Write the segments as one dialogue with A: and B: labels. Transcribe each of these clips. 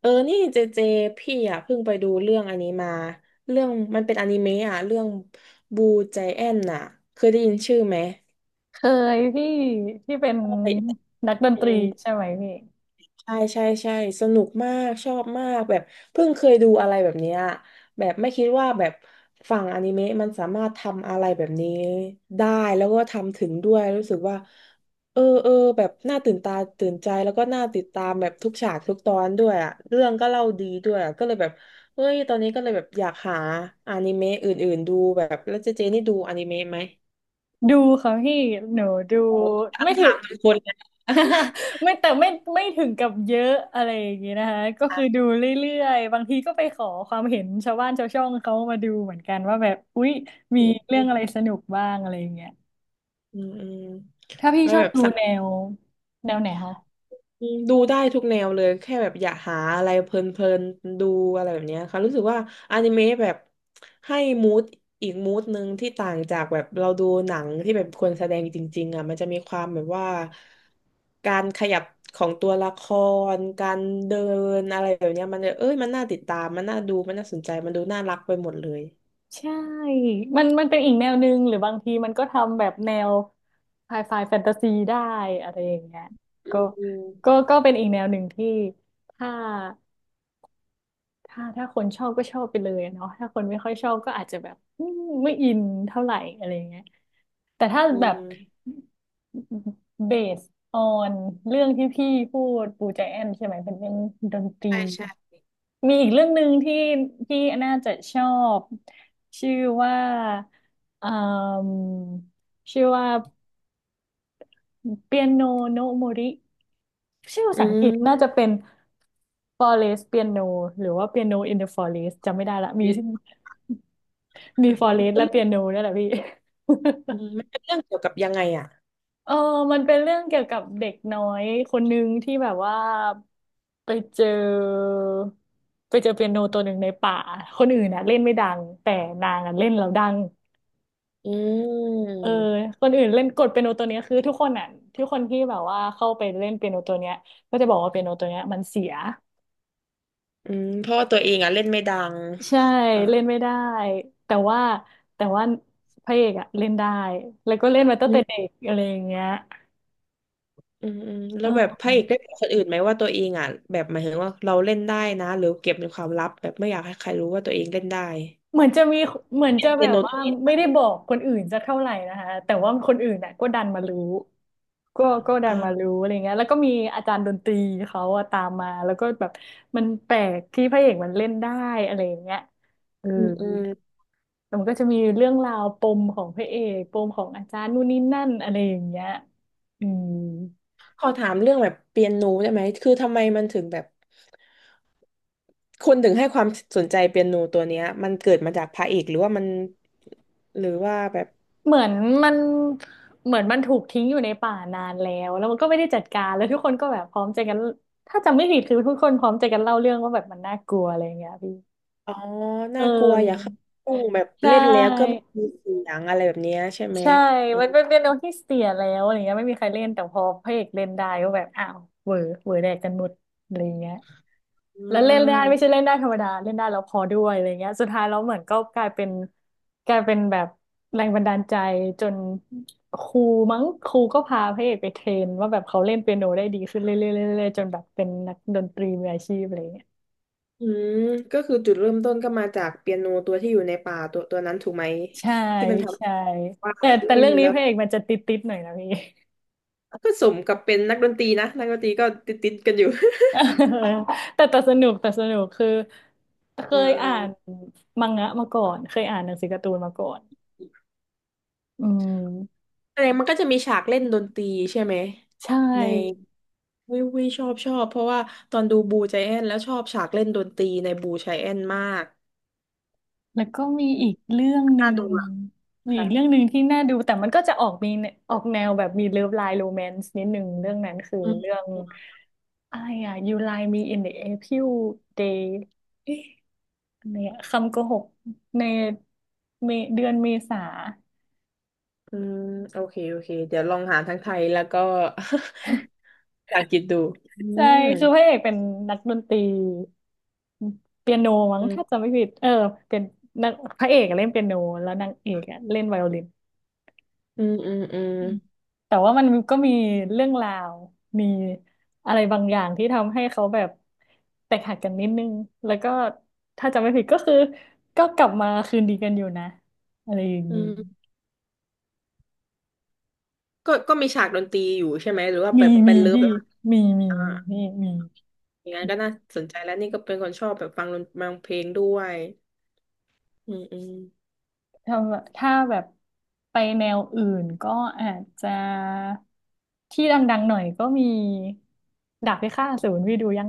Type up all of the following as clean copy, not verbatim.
A: เออนี่เจเจพี่อ่ะเพิ่งไปดูเรื่องอันนี้มาเรื่องมันเป็นอนิเมะอ่ะเรื่องบูใจแอนน่ะ เคยได้ยินชื่อไหม
B: เคยพี่ที่เป็น
A: เค
B: นักดนตรี
A: ย
B: ใช่ไหมพี่
A: ใช่ใช่ใช่สนุกมากชอบมากแบบเพิ่งเคยดูอะไรแบบเนี้ยแบบไม่คิดว่าแบบฝั่งอนิเมะมันสามารถทำอะไรแบบนี้ได้แล้วก็ทำถึงด้วยรู้สึกว่าเออเออแบบน่าตื่นตาตื่นใจแล้วก็น่าติดตามแบบทุกฉากทุกตอนด้วยอะเรื่องก็เล่าดีด้วยอะก็เลยแบบเฮ้ยตอนนี้ก็เลยแบบอยากหาอนิเมะอื่นๆดูแบบแล้วเจเจนี่ดูอนิเมะไหม
B: ดูค่ะพี่หนูดู
A: โอ้ตั้
B: ไม่
A: ง
B: ถึ
A: ถา
B: ง
A: มเป็นคนเลยนะ
B: ไม่แต่ไม่ไม่ถึงกับเยอะอะไรอย่างงี้นะคะก็คือ ดูเรื่อยๆบางทีก็ไปขอความเห็นชาวบ้านชาวช่องเขามาดูเหมือนกันว่าแบบอุ๊ยมี
A: อืมอ
B: เรื่องอะไรสนุกบ้างอะไรอย่างเงี้ย
A: ืมอืม
B: ถ้าพี่
A: แล้ว
B: ชอ
A: แบ
B: บ
A: บ
B: ดูแนวไหนคะ
A: ดูได้ทุกแนวเลยแค่แบบอยากหาอะไรเพลินๆดูอะไรแบบเนี้ยค่ะรู้สึกว่าอนิเมะแบบให้มูดอีกมูดหนึ่งที่ต่างจากแบบเราดูหนังที่แบบคนแสดงจริงๆอ่ะมันจะมีความแบบว่าการขยับของตัวละครการเดินอะไรแบบเนี้ยมันจะเอ้ยมันน่าติดตามมันน่าดูมันน่าสนใจมันดูน่ารักไปหมดเลย
B: ใช่มันเป็นอีกแนวหนึ่งหรือบางทีมันก็ทำแบบแนวไฮไฟแฟนตาซีได้อะไรอย่างเงี้ย
A: อื
B: ก็
A: มอืม
B: ก็เป็นอีกแนวหนึ่งที่ถ้าถ้าคนชอบก็ชอบไปเลยอะเนาะถ้าคนไม่ค่อยชอบก็อาจจะแบบไม่อินเท่าไหร่อะไรอย่างเงี้ยแต่ถ้า
A: อื
B: แบบ
A: ม
B: เบสออนเรื่องที่พี่พูดปูใจแอนใช่ไหมเป็นเรื่องดนตรี
A: ใช่ใช่
B: มีอีกเรื่องหนึ่งที่ที่น่าจะชอบชื่อว่าเอ่มชื่อว่าเปียโนโนม o ริชื่อภา
A: อื
B: ษาอังกฤษน่าจะ
A: ม
B: เป็น Forest Piano หรือว่า Piano in the Forest จำไม่ได้ละมี
A: Yes
B: มี
A: ค่ะมัน
B: Forest
A: เป็
B: และ
A: น
B: Piano นี่นแหละพี่
A: อืมมันเป็นเรื่องเกี่ยวกับยังไงอ่ะ
B: เออมันเป็นเรื่องเกี่ยวกับเด็กน้อยคนหนึ่งที่แบบว่า ไปเจอไปเจอเปียโนตัวหนึ่งในป่าคนอื่นน่ะเล่นไม่ดังแต่นางอ่ะเล่นแล้วดัง
A: อื
B: เออ
A: ม
B: คนอื่นเล่นกดเปียโนตัวเนี้ยคือทุกคนอ่ะทุกคนที่แบบว่าเข้าไปเล่นเปียโนตัวเนี้ยก็จะบอกว่าเปียโนตัวเนี้ยมันเสีย
A: อืมเพราะว่าตัวเองอ่ะเล่นไม่ดัง
B: ใช่
A: อ่า
B: เล่นไม่ได้แต่ว่าแต่ว่าพระเอกอ่ะเล่นได้แล้วก็เล่นมาตั้ง
A: อื
B: แต่เด็
A: ม
B: กอะไรอย่างเงี้ย
A: อืมอืมแล้วแบบ
B: เออ
A: พระเอกได้บอกคนอื่นไหมว่าตัวเองอ่ะแบบหมายถึงว่าเราเล่นได้นะหรือเก็บเป็นความลับแบบไม่อยากให้ใครรู้ว่าตัวเองเล่นได้
B: เหมือนจะมีเหมือนจะ
A: เล่น
B: แบ
A: เปีย
B: บ
A: โน
B: ว่า
A: ตัวนี้
B: ไม่ได้
A: ได้
B: บอกคนอื่นจะเท่าไหร่นะคะแต่ว่าคนอื่นน่ะก็ดันมารู้ก็ดันมา
A: อ่า
B: รู้อะไรเงี้ยแล้วก็มีอาจารย์ดนตรีเขาอะตามมาแล้วก็แบบมันแปลกที่พระเอกมันเล่นได้อะไรอย่างเงี้ยเออ
A: อืมอืม
B: แต่มันก็จะมีเรื่องราวปมของพระเอกปมของอาจารย์นู่นนี่นั่นอะไรอย่างเงี้ยอืม
A: ขอถามเรื่องแบบเปียโนได้ไหมคือทำไมมันถึงแบบคุณถึงให้ความสนใจเปียโนตัวเนี้ยมันเกิดมาจากพระเอกหรือว่ามันหรือว่าแบบ
B: เหมือนมันเหมือนมันถูกทิ้งอยู่ในป่านานแล้วแล้วมันก็ไม่ได้จัดการแล้วทุกคนก็แบบพร้อมใจกันถ้าจำไม่ผิดคือทุกคนพร้อมใจกันเล่าเรื่องว่าแบบมันน่ากลัวอะไรอย่างเงี้ยพี่
A: อ๋อ
B: เ
A: น่ากลัวอย่า
B: ออ
A: เข้าห้องแบบ
B: ใช
A: เล่นแล้วก็ไม่
B: ่
A: มีเสียงอะไรแบบเนี้ยใช่ไหม
B: ใช่
A: อื
B: มัน
A: ม
B: เป็นเปียโนที่เสียแล้วอะไรเงี้ยไม่มีใครเล่นแต่พอพระเอกเล่นได้ก็แบบอ้าวเหวอเหวอแดกกันหมดอะไรเงี้ย แล้ว
A: อ่
B: เล่นได้
A: า
B: ไม่ใช่เล่นได้ธรรมดาเล่นได้แล้วพอด้วยอะไรเงี้ยสุดท้ายแล้วเหมือนก็กลายเป็นกลายเป็นแบบแรงบันดาลใจจนครูมั้งครูก็พาพระเอกไปเทรนว่าแบบเขาเล่นเปียโนได้ดีขึ้นเรื่อยๆเรื่อยๆจนแบบเป็นนักดนตรีมืออาชีพอะไรเงี้ย
A: อืมก็คือจุดเริ่มต้นก็มาจากเปียโนตัวที่อยู่ในป่าตัวตัวนั้นถูกไหม
B: ใช่
A: ที่มันท
B: ใช่
A: ำว่า
B: แต่
A: เล่น
B: เรื่องนี้
A: แล้ว
B: พระเอกมันจะติดๆหน่อยนะพี่
A: ก็สมกับเป็นนักดนตรีนะนักดนตรีก็ติดติดกันอยู่
B: เออแต่สนุกคือเค
A: อ่า
B: ยอ่านมังงะมาก่อนเคยอ่านหนังสือการ์ตูนมาก่อนอืม
A: แสดงมันก็จะมีฉากเล่นดนตรีใช่ไหม
B: ใช
A: ใน
B: ่
A: วิววิชอบชอบเพราะว่าตอนดูบูใจแอนแล้วชอบฉากเล่นดนตรีในบูใจแอนมาก
B: แล้วก็มีอีกเรื่องหนึ่
A: น่า
B: ง
A: ดูอ่ะ
B: มี
A: ค่ะ
B: อีกเรื่องหนึ่งที่น่าดูแต่มันก็จะออกออกแนวแบบมีเลิฟไลน์โรแมนซ์นิดหนึ่งเรื่องนั้นคือ
A: อื
B: เรื่อ
A: ม
B: งอะไรอ่ะ You Lie Me in the April Day เอ๊ะอะไรอะคำโกหกในเมเดือนเมษา
A: อืมโอเค โอเค เดี๋ยวลองหาทั้งไทยแล้วก็ ภาษาอังกฤษดูอื
B: ใช่
A: ม
B: คือพระเอกเป็นนักดนตรีเปียโนมั้ง
A: อื
B: ถ้า
A: ม
B: จำไม่ผิดเออเป็นนักพระเอกอะเล่นเปียโนแล้วนางเอกอะเล่นไวโอลิน
A: อืมอืมอืม
B: แต่ว่ามันก็มีเรื่องราวมีอะไรบางอย่างที่ทำให้เขาแบบแตกหักกันนิดนึงแล้วก็ถ้าจำไม่ผิดก็คือก็กลับมาคืนดีกันอยู่นะอะไรอย่าง
A: อื
B: นี้
A: มก็ก็มีฉากดนตรีอยู่ใช่ไหม หรือว่า
B: มี
A: แบบเป็
B: มี
A: นเลิฟ
B: พี่มีมี
A: อ่า
B: มี
A: อย่างนั้นก็น่าสนใจแล้วนี่ก็เป็นคนชอบแบบฟังดนฟังเพลงด้วยอืมอืม
B: ถ้าถ้าแบบไปแนวอื่นก็อาจจะที่ดังๆหน่อยก็มีดาบพิฆาตอสูรพี่ดูยัง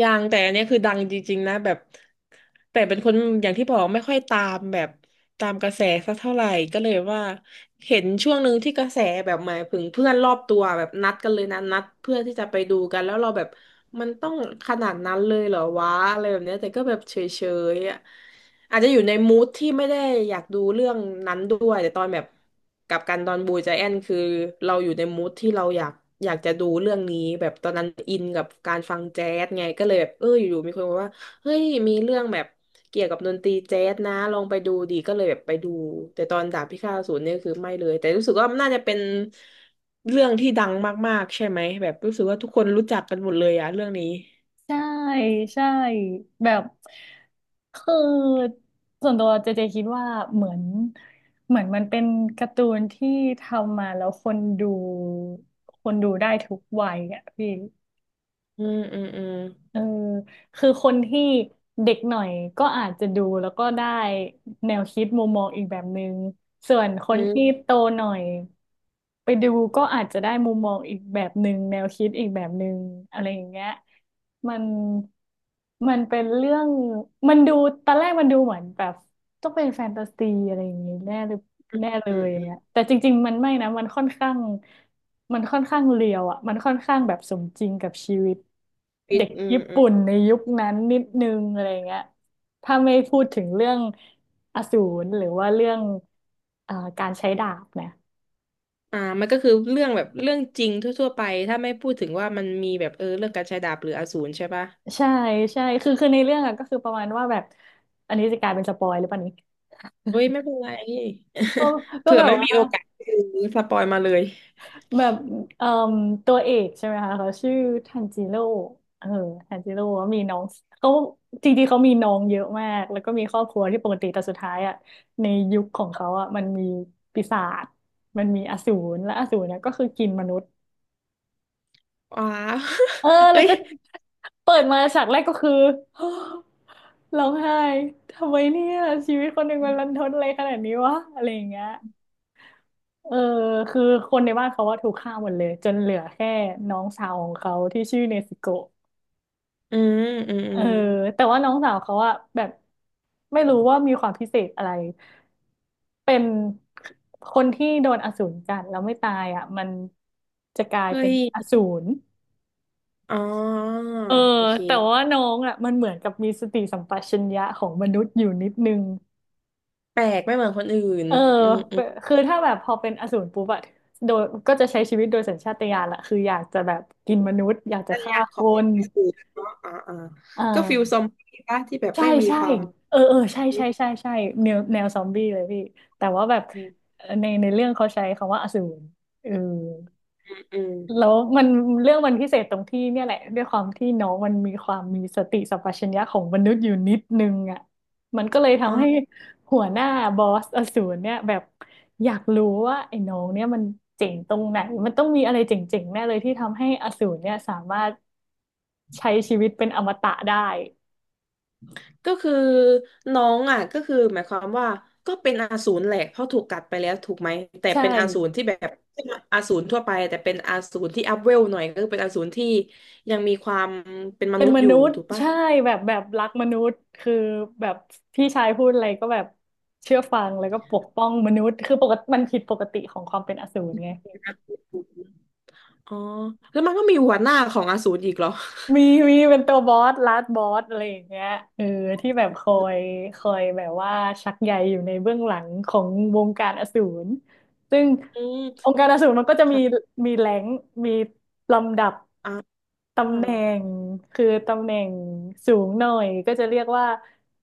A: ยังแต่อันเนี้ยคือดังจริงๆนะแบบแต่เป็นคนอย่างที่บอกไม่ค่อยตามแบบตามกระแสสักเท่าไหร่ก็เลยว่าเห็นช่วงหนึ่งที่กระแสแบบหมายถึงเพื่อนรอบตัวแบบนัดกันเลยนะนัดเพื่อที่จะไปดูกันแล้วเราแบบมันต้องขนาดนั้นเลยเหรอวะอะไรแบบเนี้ยแต่ก็แบบเฉยๆอ่ะ อาจจะอยู่ในมูดที่ไม่ได้อยากดูเรื่องนั้นด้วยแต่ตอนแบบกลับกันตอนบูจาแอนคือเราอยู่ในมูดที่เราอยากอยากจะดูเรื่องนี้แบบตอนนั้นอินกับการฟังแจ๊สไงก็เลยแบบเอออยู่ๆมีคนบอกว่าเฮ้ยมีเรื่องแบบเกี่ยวกับดนตรีแจ๊สนะลองไปดูดีก็เลยแบบไปดูแต่ตอนดาบพิฆาตอสูรเนี่ยคือไม่เลยแต่รู้สึกว่ามันน่าจะเป็นเรื่องที่ดังมากๆใช่ไหมแบบรู้สึกว่าทุกคนรู้จักกันหมดเลยอะเรื่องนี้
B: ใช่ใช่แบบคือส่วนตัวเจเจคิดว่าเหมือนเหมือนมันเป็นการ์ตูนที่ทำมาแล้วคนดูคนดูได้ทุกวัยอ่ะพี่
A: อืมอืมอืม
B: เออคือคนที่เด็กหน่อยก็อาจจะดูแล้วก็ได้แนวคิดมุมมองอีกแบบนึงส่วนค
A: อื
B: น
A: ม
B: ที่โตหน่อยไปดูก็อาจจะได้มุมมองอีกแบบนึงแนวคิดอีกแบบนึงอะไรอย่างเงี้ยมันมันเป็นเรื่องมันดูตอนแรกมันดูเหมือนแบบต้องเป็นแฟนตาซีอะไรอย่างงี้แน่เลยแน่เล
A: อื
B: ย
A: ม
B: อย่า
A: อื
B: ง
A: ม
B: เงี้ยแต่จริงๆมันไม่นะมันค่อนข้างเรียวอ่ะมันค่อนข้างแบบสมจริงกับชีวิต
A: อื
B: เด็ก
A: ม
B: ญี่
A: อืม
B: ปุ่นในยุคนั้นนิดนึงอะไรเงี้ยถ้าไม่พูดถึงเรื่องอสูรหรือว่าเรื่องการใช้ดาบนะ
A: อ่ามันก็คือเรื่องแบบเรื่องจริงทั่วๆไปถ้าไม่พูดถึงว่ามันมีแบบเออเรื่องการใช้ดาบหรืออสูรใช่ปะ
B: ใช่ใช่คือในเรื่องอะก็คือประมาณว่าแบบ อันนี้จะกลายเป็นสปอยหรือเปล่านี้
A: เฮ้ยไม่เป็นไร
B: ก็ ก็
A: เผื่อ
B: แบบ
A: ไม่
B: ว่า
A: มีโอกาสคือสปอยมาเลย
B: แบบเอ่มตัวเอกใช่ไหมคะเขาชื่อทันจิโร่เออทันจิโร่มีน้องเขาจริงๆ เขามีน้องเยอะมากแล้วก็มีครอบครัวที่ปกติแต่สุดท้ายอ่ะในยุคของเขาอ่ะมันมีปีศาจมันมีอสูรและอสูรเนี่ยก็คือกินมนุษย์
A: ว้าว
B: เออ แล้
A: เอ้
B: ว
A: ย
B: ก็เปิดมาฉากแรกก็คือ ร้องไห้ทำไมเนี่ยชีวิตคนหนึ่งมันรันทดอะไรขนาดนี้วะอะไรอย่างเงี้ย เออคือคนในบ้านเขาว่าถูกฆ่าหมดเลยจนเหลือแค่น้องสาวของเขาที่ชื่อเนซึโกะ
A: อืมอืมอื
B: เออ
A: ม
B: แต่ว่าน้องสาวเขาอะแบบไม่รู้ว่ามีความพิเศษอะไรเป็นคนที่โดนอสูรกัดแล้วไม่ตายอะมันจะกลาย
A: เฮ้
B: เป็น
A: ย
B: อสูร
A: อ๋อ
B: เออ
A: โอเค
B: แต่ว่าน้องอะมันเหมือนกับมีสติสัมปชัญญะของมนุษย์อยู่นิดนึง
A: แปลกไม่เหมือนคนอื่น
B: เออ
A: อืมอื
B: เป็
A: ม
B: นคือถ้าแบบพอเป็นอสูรปุ๊บอะโดยก็จะใช้ชีวิตโดยสัญชาตญาณละคืออยากจะแบบกินมนุษย์อยาก
A: ภ
B: จะ
A: รร
B: ฆ่า
A: ยาข
B: ค
A: อง
B: น
A: อสูรเนาะอ่าอ่า
B: อ่
A: ก็ฟิลซอม
B: า
A: บี้ปะที่แบบ
B: ใช่
A: ไม่มี
B: ใช่
A: ความ
B: เออเออใช่
A: อื
B: ใช่ใช่ใช่แนวแนวซอมบี้เลยพี่แต่ว่าแบบ
A: ม
B: ในเรื่องเขาใช้คำว่าอสูรเออ
A: อืมอม
B: แล้วมันเรื่องมันพิเศษตรงที่เนี่ยแหละด้วยความที่น้องมันมีความมีสติสัมปชัญญะของมนุษย์อยู่นิดนึงอ่ะมันก็เลย
A: อ๋อ
B: ทำให้หัวหน้าบอสอสูรเนี่ยแบบอยากรู้ว่าไอ้น้องเนี่ยมันเจ๋งตรงไหนมันต้องมีอะไรเจ๋งๆแน่เลยที่ทำให้อสูรเนี่ยสามารถใช้ชีวิตเป็นอมตะได้
A: ก็คือน้องอ่ะก็คือหมายความว่าก็เป็นอสูรแหละเพราะถูกกัดไปแล้วถูกไหมแต่
B: ใช่
A: เป็นอสูรที่แบบอสูรทั่วไปแต่เป็นอสูรที่อัพเวลหน่อยก็คือเป็นอสูรที่ยังมีความเป็นม
B: เป็น
A: นุษ
B: ม
A: ย์อยู่
B: นุษย์
A: ถูกปะ
B: ใช่แบบแบบรักมนุษย์คือแบบพี่ชายพูดอะไรก็แบบเชื่อฟังแล้วก็ปกป้องมนุษย์คือปกติมันผิดปกติของความเป็นอสูรไง
A: ครับอ๋อแล้วมันก็มีหัวหน้าของอสูรอีกเหรอ
B: มีมีเป็นตัวบอสลาดบอสอะไรอย่างเงี้ยเออที่แบบคอยแบบว่าชักใยอยู่ในเบื้องหลังของวงการอสูรซึ่ง
A: อื
B: อ
A: ม
B: งค์การอสูรมันก็จะมี
A: ค่ะ
B: มีแรงค์มีลำดับ
A: อ่าอื
B: ตำแหน่งคือตำแหน่งสูงหน่อยก็จะเรียกว่า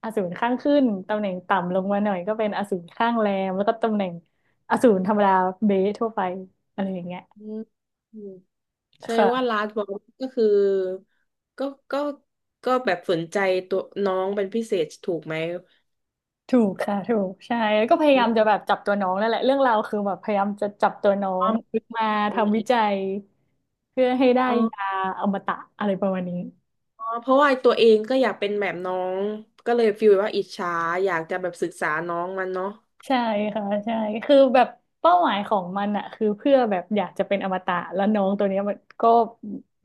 B: อสูรข้างขึ้นตำแหน่งต่ำลงมาหน่อยก็เป็นอสูรข้างแรมแล้วก็ตำแหน่งอสูรธรรมดาเบสทั่วไปอะไรอย่างเงี้ย
A: มอืมใช่ว่า
B: ค่ะ
A: ลาสบอลก็คือก็ก็ก็แบบสนใจตัวน้องเป็นพิเศษถูกไหม
B: ถูกค่ะถูกใช่แล้วก็พยายามจะแบบจับตัวน้องนั่นแหละเรื่องราวคือแบบพยายามจะจับตัวน้อ
A: อ๋อ
B: ง
A: มันเป็นฟิล
B: มา
A: นั้
B: ทำวิ
A: น
B: จัยเพื่อให้ได้
A: อ๋อ
B: ยาอมตะอะไรประมาณนี้
A: เพราะว่าตัวเองก็อยากเป็นแบบน้องก็เลยฟีลว่าอิจฉาอยากจะแบบศึกษาน้องมันเนาะ
B: ใช่ค่ะใช่คือแบบเป้าหมายของมันอะคือเพื่อแบบอยากจะเป็นอมตะแล้วน้องตัวเนี้ยมันก็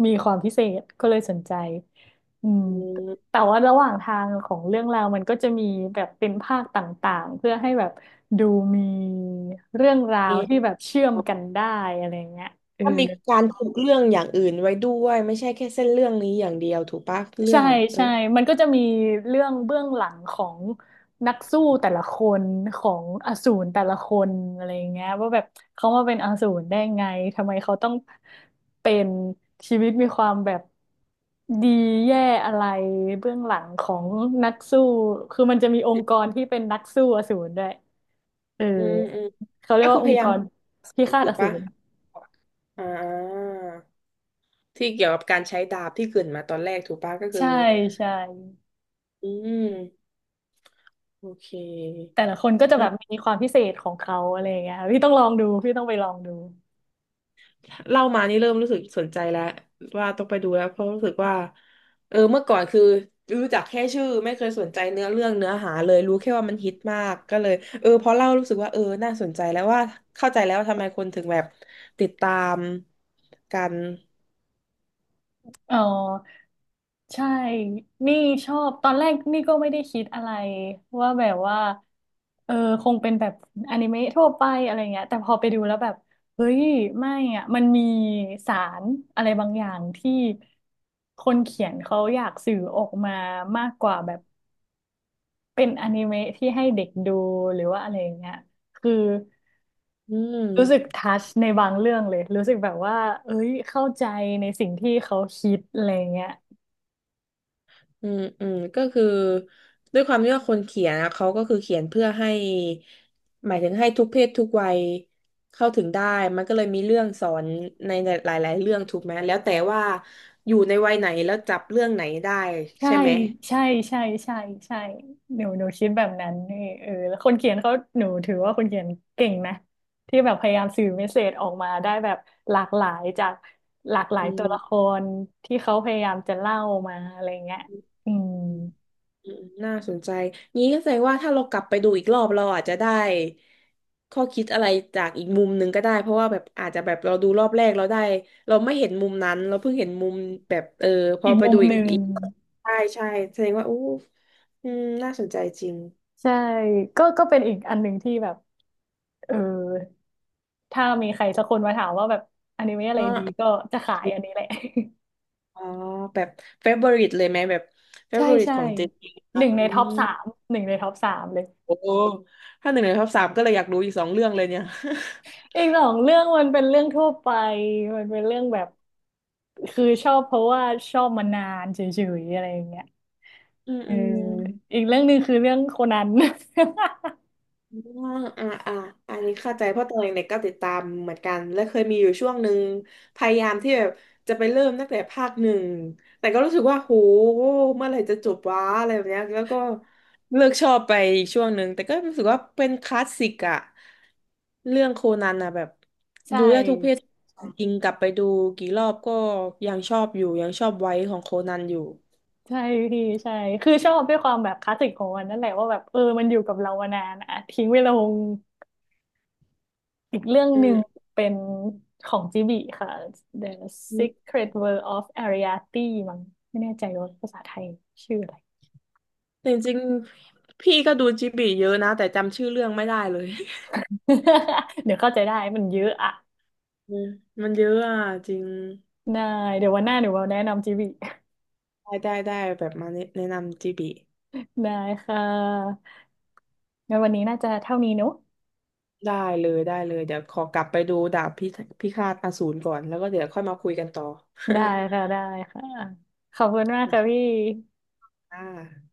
B: มีความพิเศษก็เลยสนใจอืม
A: อืม
B: แต่ว่าระหว่างทางของเรื่องราวมันก็จะมีแบบเป็นภาคต่างๆเพื่อให้แบบดูมีเรื่องราว
A: เอะ
B: ที่แบบเชื่อมกันได้อะไรเงี้ยเออ
A: ถ้ามีการผูกเรื่องอย่างอื่นไว้ด้วยไม่ใช่แค่เส้นเรื่องนี้อย่างเดียวถูกปะเรื่อ
B: ใช่
A: งแบบ
B: ใช่มันก็จะมีเรื่องเบื้องหลังของนักสู้แต่ละคนของอสูรแต่ละคนอะไรอย่างเงี้ยว่าแบบเขามาเป็นอสูรได้ไงทำไมเขาต้องเป็นชีวิตมีความแบบดีแย่อะไรเบื้องหลังของนักสู้คือมันจะมีองค์กรที่เป็นนักสู้อสูรด้วยเออ
A: อืมอืม
B: เขาเรีย
A: ก็
B: ก
A: คื
B: ว่า
A: อ
B: อ
A: พ
B: ง
A: ยา
B: ค์ก
A: ยาม
B: รพิฆาต
A: ถู
B: อ
A: ก
B: สู
A: ปะ
B: ร
A: อ่าที่เกี่ยวกับการใช้ดาบที่เกริดมาตอนแรกถูกปะก็คือ
B: ใช่ใช่
A: อืมโอเค
B: แต่ละคนก็จะแบบมีความพิเศษของเขาอะไรอย่างเงี้ยค่ะพี่ต้องลองดูพี่ต้องไปลองดู
A: เล่ามานี่เริ่มรู้สึกสนใจแล้วว่าต้องไปดูแล้วเพราะรู้สึกว่าเมื่อก่อนคือรู้จักแค่ชื่อไม่เคยสนใจเนื้อเรื่องเนื้อหาเลยรู้แค่ว่ามันฮิตมากก็เลยพอเล่ารู้สึกว่าน่าสนใจแล้วว่าเข้าใจแล้วว่าทำไมคนถึงแบบติดตามกัน
B: เออใช่นี่ชอบตอนแรกนี่ก็ไม่ได้คิดอะไรว่าแบบว่าเออคงเป็นแบบอนิเมะทั่วไปอะไรเงี้ยแต่พอไปดูแล้วแบบเฮ้ยไม่อ่ะมันมีสารอะไรบางอย่างที่คนเขียนเขาอยากสื่อออกมามากกว่าแบบเป็นอนิเมะที่ให้เด็กดูหรือว่าอะไรอย่างเงี้ยคือ
A: อื
B: รู้สึก
A: ม
B: ทัชในบางเรื่องเลย รู้สึกแบบว่าเอ้ยเข้าใจในสิ่งที่เขาคิดอะไรเงี้ย
A: อืมอืมก็คือด้วยความที่ว่าคนเขียนนะเขาก็คือเขียนเพื่อให้หมายถึงให้ทุกเพศทุกวัยเข้าถึงได้มันก็เลยมีเรื่องสอนในหลายๆเรื่องถูกไหมแล้วแต่ว่าอยู่ในวัยไหนแล้วจับเรื่องไหนได้
B: ใช่
A: ใช่ไหม
B: ใช่ใช่ใช่ใช่หนูคิดแบบนั้นนี่เออแล้วคนเขียนเขาหนูถือว่าคนเขียนเก่งนะที่แบบพยายามสื่อเมสเสจออกมาได้แบบหลากหลายจากหลากหลา
A: อื
B: ยตัวละครที่เขาพยายามจะเล่ามาอะไรเงี้ยอื
A: ม
B: ม
A: อืมน่าสนใจงี้ก็แสดงว่าถ้าเรากลับไปดูอีกรอบเราอาจจะได้ข้อคิดอะไรจากอีกมุมหนึ่งก็ได้เพราะว่าแบบอาจจะแบบเราดูรอบแรกเราได้เราไม่เห็นมุมนั้นเราเพิ่งเห็นมุมแบบพอ
B: อีก
A: ไป
B: มุม
A: ดูอี
B: ห
A: ก
B: นึ่ง
A: อีกใช่ใช่แสดงว่าอู้อืมน่าสนใจจริง
B: ใช่ ก็เป็นอีกอันหนึ่งที่แบบเออ ถ้ามีใครสักคนมาถามว่าแบบอนิเมะอะไร
A: เนา
B: ดีก็จะขายอันนี้แหละ
A: อ๋อแบบเฟเวอริตเลยไหมแบบเฟ
B: ใช่
A: เวอริต
B: ใช่
A: ของเจน
B: ห
A: นะ
B: นึ่งใน
A: อื
B: ท็อป
A: ม
B: สามหนึ่งในท็อปสามเลย
A: โอ้ถ้าหนึ่งในท็อปสามก็เลยอยากรู้อีกสองเรื่องเลยเนี่ย
B: อีกสองเรื่องมันเป็นเรื่องทั่วไปมันเป็นเรื่องแบบคือชอบเพราะว่าชอบมานานเฉยๆอะไรอย่างเงี้ย
A: อืม
B: เออ
A: อืม
B: อีกเรื่องหนึ่งคือเรื่องโคนัน
A: อ่าอ่าอ่าอันนี้เข้าใจเพราะตอนเด็กๆก็ติดตามเหมือนกันและเคยมีอยู่ช่วงหนึ่งพยายามที่แบบจะไปเริ่มตั้งแต่ภาคหนึ่งแต่ก็รู้สึกว่าโหเมื่อไหร่จะจบวะอะไรแบบเนี้ยแล้วก็เลิกชอบไปอีกช่วงหนึ่งแต่ก็รู้สึกว่าเป็นคลาสสิกอะเรื่องโคนันอะแบบ
B: ใช่
A: ดูได้ทุกเพศจริงกลับไปดูกี่รอบก็ยังชอบอยู่ยังชอบไว้ของโคนันอยู่
B: ใช่พี่ใช่คือชอบด้วยความแบบคลาสสิกของมันนั่นแหละว่าแบบเออมันอยู่กับเรามานานอะทิ้งเวลา อีกเรื่อง
A: อื
B: หนึ่ง
A: ม
B: เป็นของจิบิค่ะ The
A: อืม
B: Secret World of Ariadne มั้งไม่แน่ใจว่าภาษาไทยชื่ออะไร
A: จริงๆพี่ก็ดูจิบลิเยอะนะแต่จำชื่อเรื่องไม่ได้เลย
B: เดี๋ยวเข้าใจได้มันเยอะอะ
A: อืมมันเยอะอ่ะจริง
B: ได้เดี๋ยววันหน้าหนูเอาแนะนำจิบิ
A: ได้ได้ได้แบบมาแนะนำจีบี
B: ได้ค่ะงั้นวันนี้น่าจะเท่านี้เนอะ
A: ได้เลยได้เลยเดี๋ยวขอกลับไปดูดาบพิฆาตอสูรก่อนแล้วก็เดี๋ยวค่อยมาคุยกันต่อ
B: ได้ค่ะ ได้ค่ะขอบคุณมาก
A: โอ
B: ค่ะพี่
A: เคค่ะ